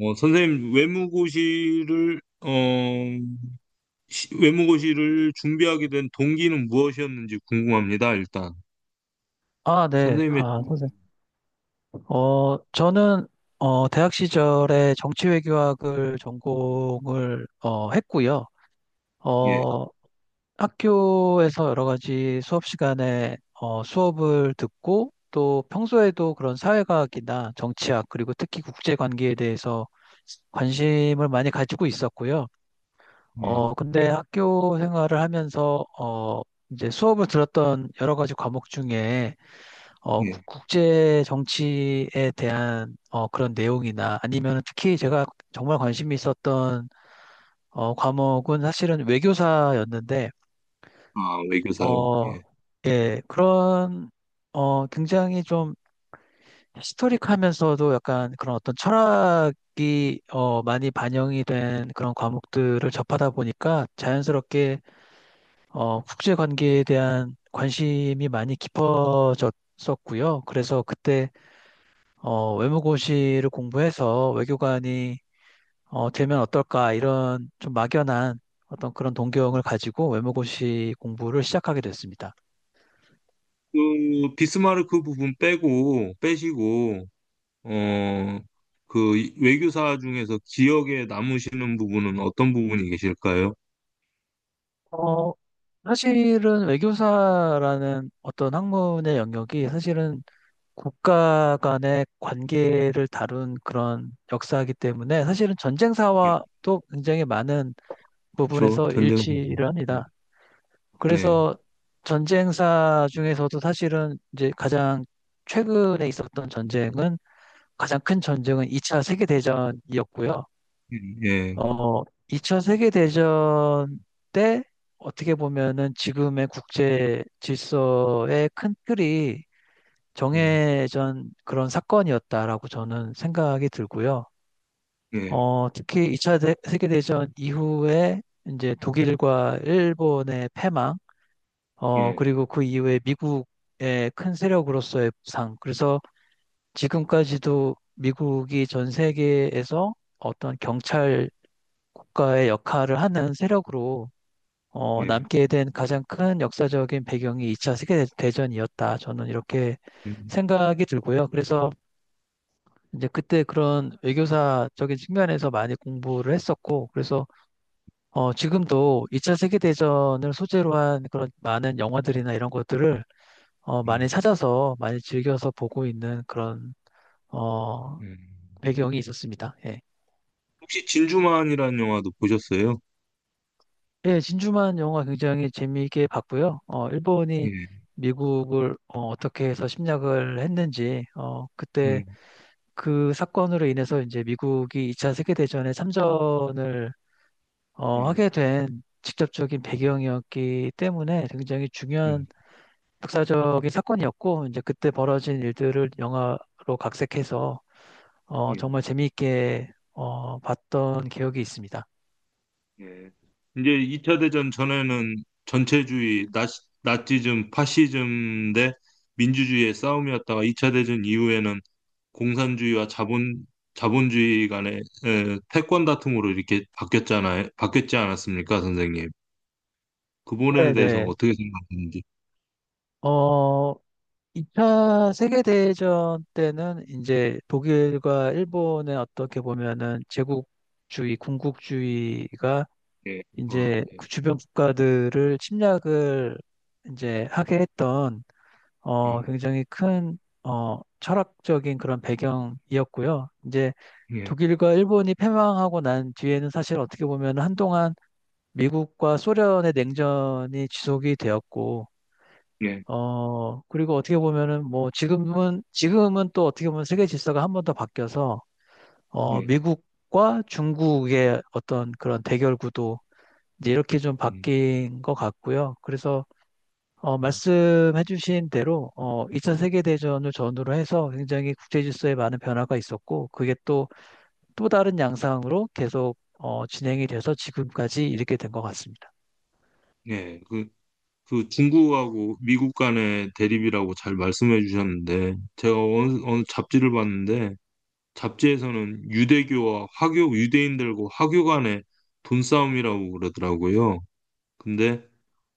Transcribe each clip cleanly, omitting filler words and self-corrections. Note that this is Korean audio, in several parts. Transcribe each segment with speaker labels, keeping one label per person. Speaker 1: 선생님, 외무고시를, 외무고시를 준비하게 된 동기는 무엇이었는지 궁금합니다, 일단.
Speaker 2: 아, 네.
Speaker 1: 선생님의,
Speaker 2: 아, 선생님. 저는, 대학 시절에 정치외교학을 전공을, 했고요.
Speaker 1: 예,
Speaker 2: 어, 학교에서 여러 가지 수업 시간에, 수업을 듣고 또 평소에도 그런 사회과학이나 정치학, 그리고 특히 국제관계에 대해서 관심을 많이 가지고 있었고요.
Speaker 1: 예,
Speaker 2: 근데 학교 생활을 하면서, 이제 수업을 들었던 여러 가지 과목 중에
Speaker 1: 예.
Speaker 2: 국제 정치에 대한 그런 내용이나 아니면 특히 제가 정말 관심이 있었던 과목은 사실은 외교사였는데
Speaker 1: 아, 외교사요.
Speaker 2: 어,
Speaker 1: 예.
Speaker 2: 예, 그런 굉장히 좀 히스토릭하면서도 약간 그런 어떤 철학이 많이 반영이 된 그런 과목들을 접하다 보니까 자연스럽게 국제 관계에 대한 관심이 많이 깊어졌었고요. 그래서 그때 외무고시를 공부해서 외교관이 되면 어떨까 이런 좀 막연한 어떤 그런 동경을 가지고 외무고시 공부를 시작하게 됐습니다.
Speaker 1: 그, 비스마르크 부분 빼고, 빼시고, 어, 그, 외교사 중에서 기억에 남으시는 부분은 어떤 부분이 계실까요?
Speaker 2: 어, 사실은 외교사라는 어떤 학문의 영역이 사실은 국가 간의 관계를 다룬 그런 역사이기 때문에 사실은
Speaker 1: 예,
Speaker 2: 전쟁사와도 굉장히 많은
Speaker 1: 저,
Speaker 2: 부분에서
Speaker 1: 전쟁 선생님.
Speaker 2: 일치를 합니다.
Speaker 1: 예,
Speaker 2: 그래서 전쟁사 중에서도 사실은 이제 가장 최근에 있었던 전쟁은 가장 큰 전쟁은 2차 세계대전이었고요.
Speaker 1: 예, 예,
Speaker 2: 어, 2차 세계대전 때 어떻게 보면은 지금의 국제 질서의 큰 틀이
Speaker 1: 예,
Speaker 2: 정해진 그런 사건이었다라고 저는 생각이 들고요.
Speaker 1: 예,
Speaker 2: 특히 2차 세계대전 이후에 이제 독일과 일본의 패망,
Speaker 1: 예,
Speaker 2: 그리고 그 이후에 미국의 큰 세력으로서의 부상. 그래서 지금까지도 미국이 전 세계에서 어떤 경찰 국가의 역할을 하는 세력으로
Speaker 1: 예,
Speaker 2: 남게 된 가장 큰 역사적인 배경이 2차 세계대전이었다. 저는 이렇게 생각이 들고요. 그래서 이제 그때 그런 외교사적인 측면에서 많이 공부를 했었고, 그래서 지금도 2차 세계대전을 소재로 한 그런 많은 영화들이나 이런 것들을
Speaker 1: 예,
Speaker 2: 많이 찾아서 많이 즐겨서 보고 있는 그런 어,
Speaker 1: 예.
Speaker 2: 배경이 있었습니다. 예.
Speaker 1: 혹시 진주만이라는 영화도 보셨어요?
Speaker 2: 예, 진주만 영화 굉장히 재미있게 봤고요. 일본이
Speaker 1: 예,
Speaker 2: 미국을 떻게 해서 침략을 했는지 그때
Speaker 1: 예,
Speaker 2: 그 사건으로 인해서 이제 미국이 2차 세계대전에 참전을
Speaker 1: 예,
Speaker 2: 하게 된 직접적인 배경이었기 때문에 굉장히 중요한
Speaker 1: 예,
Speaker 2: 역사적인 사건이었고 이제 그때 벌어진 일들을 영화로 각색해서
Speaker 1: 예.
Speaker 2: 정말 재미있게 봤던 기억이 있습니다.
Speaker 1: 예. 이제 2차 대전 전에는 전체주의, 나, 나치즘, 파시즘 대 민주주의의 싸움이었다가 2차 대전 이후에는 공산주의와 자본, 자본주의 간의 에, 패권 다툼으로 이렇게 바뀌었잖아요. 바뀌었지 않았습니까, 선생님? 그 부분에
Speaker 2: 네,
Speaker 1: 대해서
Speaker 2: 네.
Speaker 1: 어떻게 생각하는지.
Speaker 2: 어, 2차 세계대전 때는 이제 독일과 일본의 어떻게 보면은 제국주의, 군국주의가
Speaker 1: 예, 어,
Speaker 2: 이제
Speaker 1: 예,
Speaker 2: 그 주변 국가들을 침략을 이제 하게 했던
Speaker 1: 예,
Speaker 2: 굉장히 큰 철학적인 그런 배경이었고요. 이제
Speaker 1: 예,
Speaker 2: 독일과 일본이 패망하고 난 뒤에는 사실 어떻게 보면 한동안 미국과 소련의 냉전이 지속이 되었고,
Speaker 1: 예,
Speaker 2: 그리고 어떻게 보면은 뭐 지금은 또 어떻게 보면 세계 질서가 한번 더 바뀌어서,
Speaker 1: 예,
Speaker 2: 미국과 중국의 어떤 그런 대결 구도, 이제 이렇게 좀
Speaker 1: 음,
Speaker 2: 바뀐 것 같고요. 그래서,
Speaker 1: 음.
Speaker 2: 말씀해주신 대로, 2차 세계대전을 전후로 해서 굉장히 국제 질서에 많은 변화가 있었고, 그게 또, 또 다른 양상으로 계속, 진행이 돼서 지금까지 이렇게 된 것 같습니다.
Speaker 1: 예. 그 중국하고 미국 간의 대립이라고 잘 말씀해 주셨는데 제가 어느 잡지를 봤는데 잡지에서는 유대교와 화교 유대인들과 화교 간의 돈싸움이라고 그러더라고요. 근데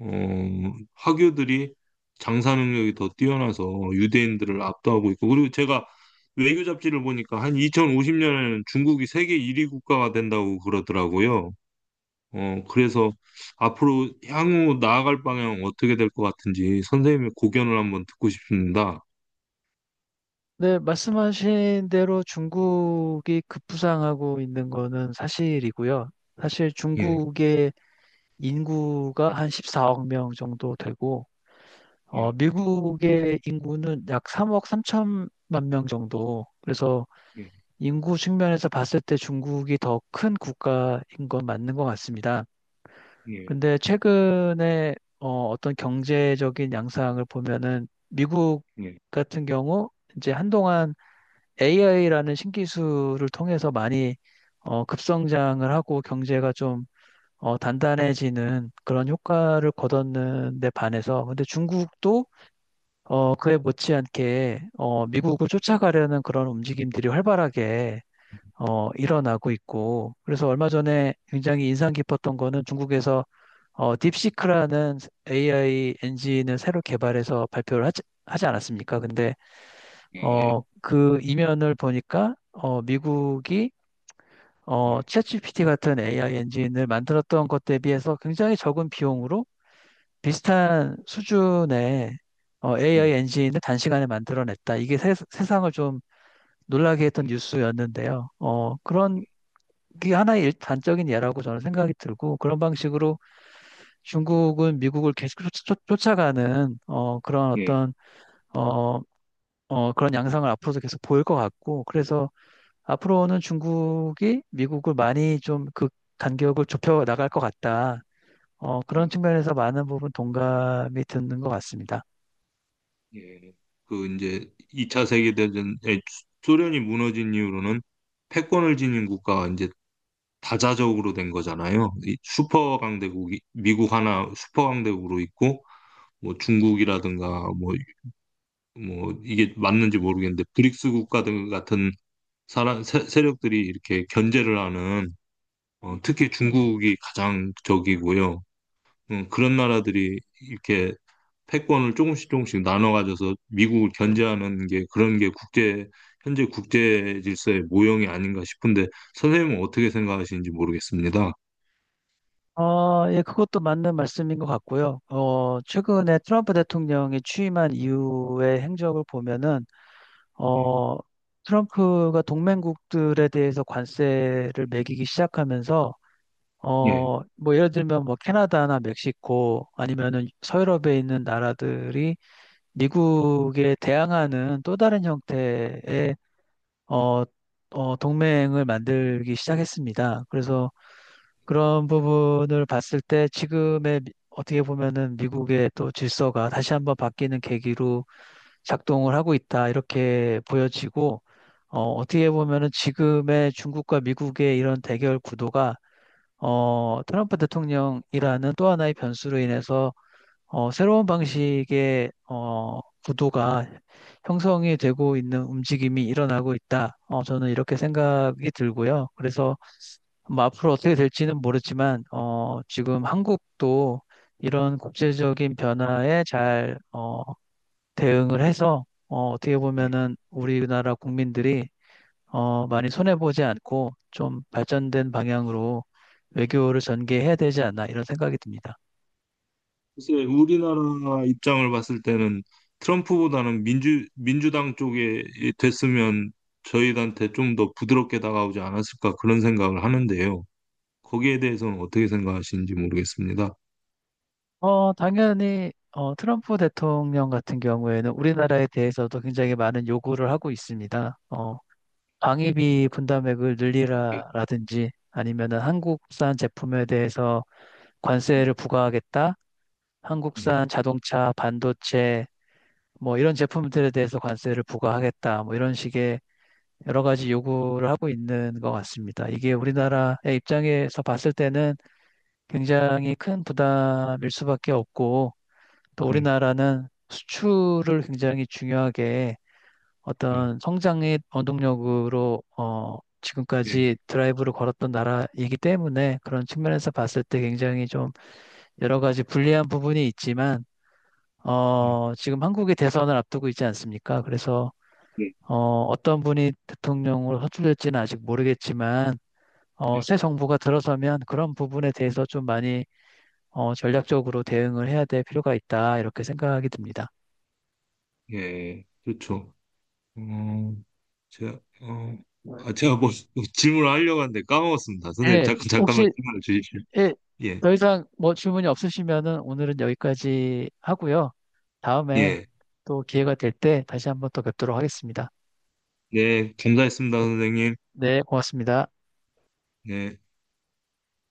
Speaker 1: 어, 화교들이 장사 능력이 더 뛰어나서 유대인들을 압도하고 있고 그리고 제가 외교 잡지를 보니까 한 2050년에는 중국이 세계 1위 국가가 된다고 그러더라고요. 그래서 앞으로 향후 나아갈 방향 어떻게 될 것 같은지 선생님의 고견을 한번 듣고 싶습니다.
Speaker 2: 네, 말씀하신 대로 중국이 급부상하고 있는 거는 사실이고요. 사실
Speaker 1: 예,
Speaker 2: 중국의 인구가 한 14억 명 정도 되고,
Speaker 1: 예,
Speaker 2: 미국의 인구는 약 3억 3천만 명 정도. 그래서
Speaker 1: 예,
Speaker 2: 인구 측면에서 봤을 때 중국이 더 큰 국가인 건 맞는 것 같습니다.
Speaker 1: 예,
Speaker 2: 근데 최근에 어떤 경제적인 양상을 보면은 미국
Speaker 1: 예,
Speaker 2: 같은 경우 이제 한동안 AI라는 신기술을 통해서 많이 급성장을 하고 경제가 좀 단단해지는 그런 효과를 거뒀는 데 반해서 근데 중국도 그에 못지않게 미국을 쫓아가려는 그런 움직임들이 활발하게 일어나고 있고 그래서 얼마 전에 굉장히 인상 깊었던 거는 중국에서 딥시크라는 AI 엔진을 새로 개발해서 발표를 하지 않았습니까? 근데
Speaker 1: 아, 예,
Speaker 2: 그 이면을 보니까 미국이
Speaker 1: 예, 예,
Speaker 2: 챗GPT 같은 AI 엔진을 만들었던 것 대비해서 굉장히 적은 비용으로 비슷한 수준의 AI 엔진을 단시간에 만들어냈다. 이게 상을좀 놀라게 했던
Speaker 1: 예,
Speaker 2: 뉴스였는데요. 그런 게 하나의 단적인 예라고 저는 생각이 들고 그런 방식으로 중국은 미국을 계속 아가는 그런
Speaker 1: 예,
Speaker 2: 어떤 어, 그런 양상을 앞으로도 계속 보일 것 같고 그래서 앞으로는 중국이 미국을 많이 좀 그 간격을 좁혀 나갈 것 같다. 그런 측면에서 많은 부분 동감이 드는 것 같습니다.
Speaker 1: 예, 예. 그 이제 2차 세계대전에 소련이 무너진 이후로는 패권을 지닌 국가가 이제 다자적으로 된 거잖아요. 이 슈퍼 강대국이 미국 하나 슈퍼 강대국으로 있고 뭐 중국이라든가 뭐 뭐 이게 맞는지 모르겠는데 브릭스 국가들 같은 세력들이 이렇게 견제를 하는, 어, 특히 중국이 가장 적이고요. 그런 나라들이 이렇게 패권을 조금씩 조금씩 나눠 가져서 미국을 견제하는 게 현재 국제 질서의 모형이 아닌가 싶은데 선생님은 어떻게 생각하시는지 모르겠습니다.
Speaker 2: 예, 그것도 맞는 말씀인 것 같고요. 최근에 트럼프 대통령이 취임한 이후의 행적을 보면은,
Speaker 1: 예.
Speaker 2: 어, 트럼프가 동맹국들에 대해서 관세를 매기기 시작하면서,
Speaker 1: 예.
Speaker 2: 뭐 예를 들면 뭐 캐나다나 멕시코 아니면은 서유럽에 있는 나라들이 미국에 대항하는 또 다른 형태의 어, 동맹을 만들기 시작했습니다. 그래서 그런 부분을 봤을 때 지금의 어떻게 보면은 미국의 또 질서가 다시 한번 바뀌는 계기로 작동을 하고 있다 이렇게 보여지고 어떻게 보면은 지금의 중국과 미국의 이런 대결 구도가 트럼프 대통령이라는 또 하나의 변수로 인해서 새로운 방식의 구도가 형성이 되고 있는 움직임이 일어나고 있다. 저는 이렇게 생각이 들고요. 그래서 뭐 앞으로 어떻게 될지는 모르지만 지금 한국도 이런 국제적인 변화에 잘 대응을 해서 떻게 보면은 우리나라 국민들이 많이 손해보지 않고 좀 발전된 방향으로 외교를 전개해야 되지 않나 이런 생각이 듭니다.
Speaker 1: 글쎄, 우리나라 입장을 봤을 때는 트럼프보다는 민주당 쪽에 됐으면 저희한테 좀 더 부드럽게 다가오지 않았을까 그런 생각을 하는데요. 거기에 대해서는 어떻게 생각하시는지 모르겠습니다.
Speaker 2: 당연히 트럼프 대통령 같은 경우에는 우리나라에 대해서도 굉장히 많은 요구를 하고 있습니다. 방위비 분담액을 늘리라라든지 아니면은 한국산 제품에 대해서 관세를 부과하겠다.
Speaker 1: 예,
Speaker 2: 한국산 자동차, 반도체 뭐 이런 제품들에 대해서 관세를 부과하겠다. 뭐 이런 식의 여러 가지 요구를 하고 있는 것 같습니다. 이게 우리나라의 입장에서 봤을 때는 굉장히 큰 부담일 수밖에 없고 또
Speaker 1: 예,
Speaker 2: 우리나라는 수출을 굉장히 중요하게
Speaker 1: 예,
Speaker 2: 어떤 성장의 원동력으로
Speaker 1: 예,
Speaker 2: 지금까지 드라이브를 걸었던 나라이기 때문에 그런 측면에서 봤을 때 굉장히 좀 여러 가지 불리한 부분이 있지만
Speaker 1: 예,
Speaker 2: 지금 한국이 대선을 앞두고 있지 않습니까? 그래서
Speaker 1: 예,
Speaker 2: 어, 어떤 분이 대통령으로 선출될지는 아직 모르겠지만 새 정부가 들어서면 그런 부분에 대해서 좀 많이 전략적으로 대응을 해야 될 필요가 있다 이렇게 생각이 듭니다.
Speaker 1: 예, 예. 그렇죠. 어, 제가, 어, 제가 뭐 질문을 하려고 하는데 까먹었습니다. 선생님,
Speaker 2: 네,
Speaker 1: 잠깐만
Speaker 2: 혹시
Speaker 1: 질문을 주십시오.
Speaker 2: 예,
Speaker 1: 예,
Speaker 2: 더 이상 뭐 질문이 없으시면은 오늘은 여기까지 하고요. 다음에
Speaker 1: 예,
Speaker 2: 또 기회가 될 때 다시 한번 또 뵙도록 하겠습니다.
Speaker 1: 네, 감사했습니다, 선생님.
Speaker 2: 네, 고맙습니다.
Speaker 1: 네.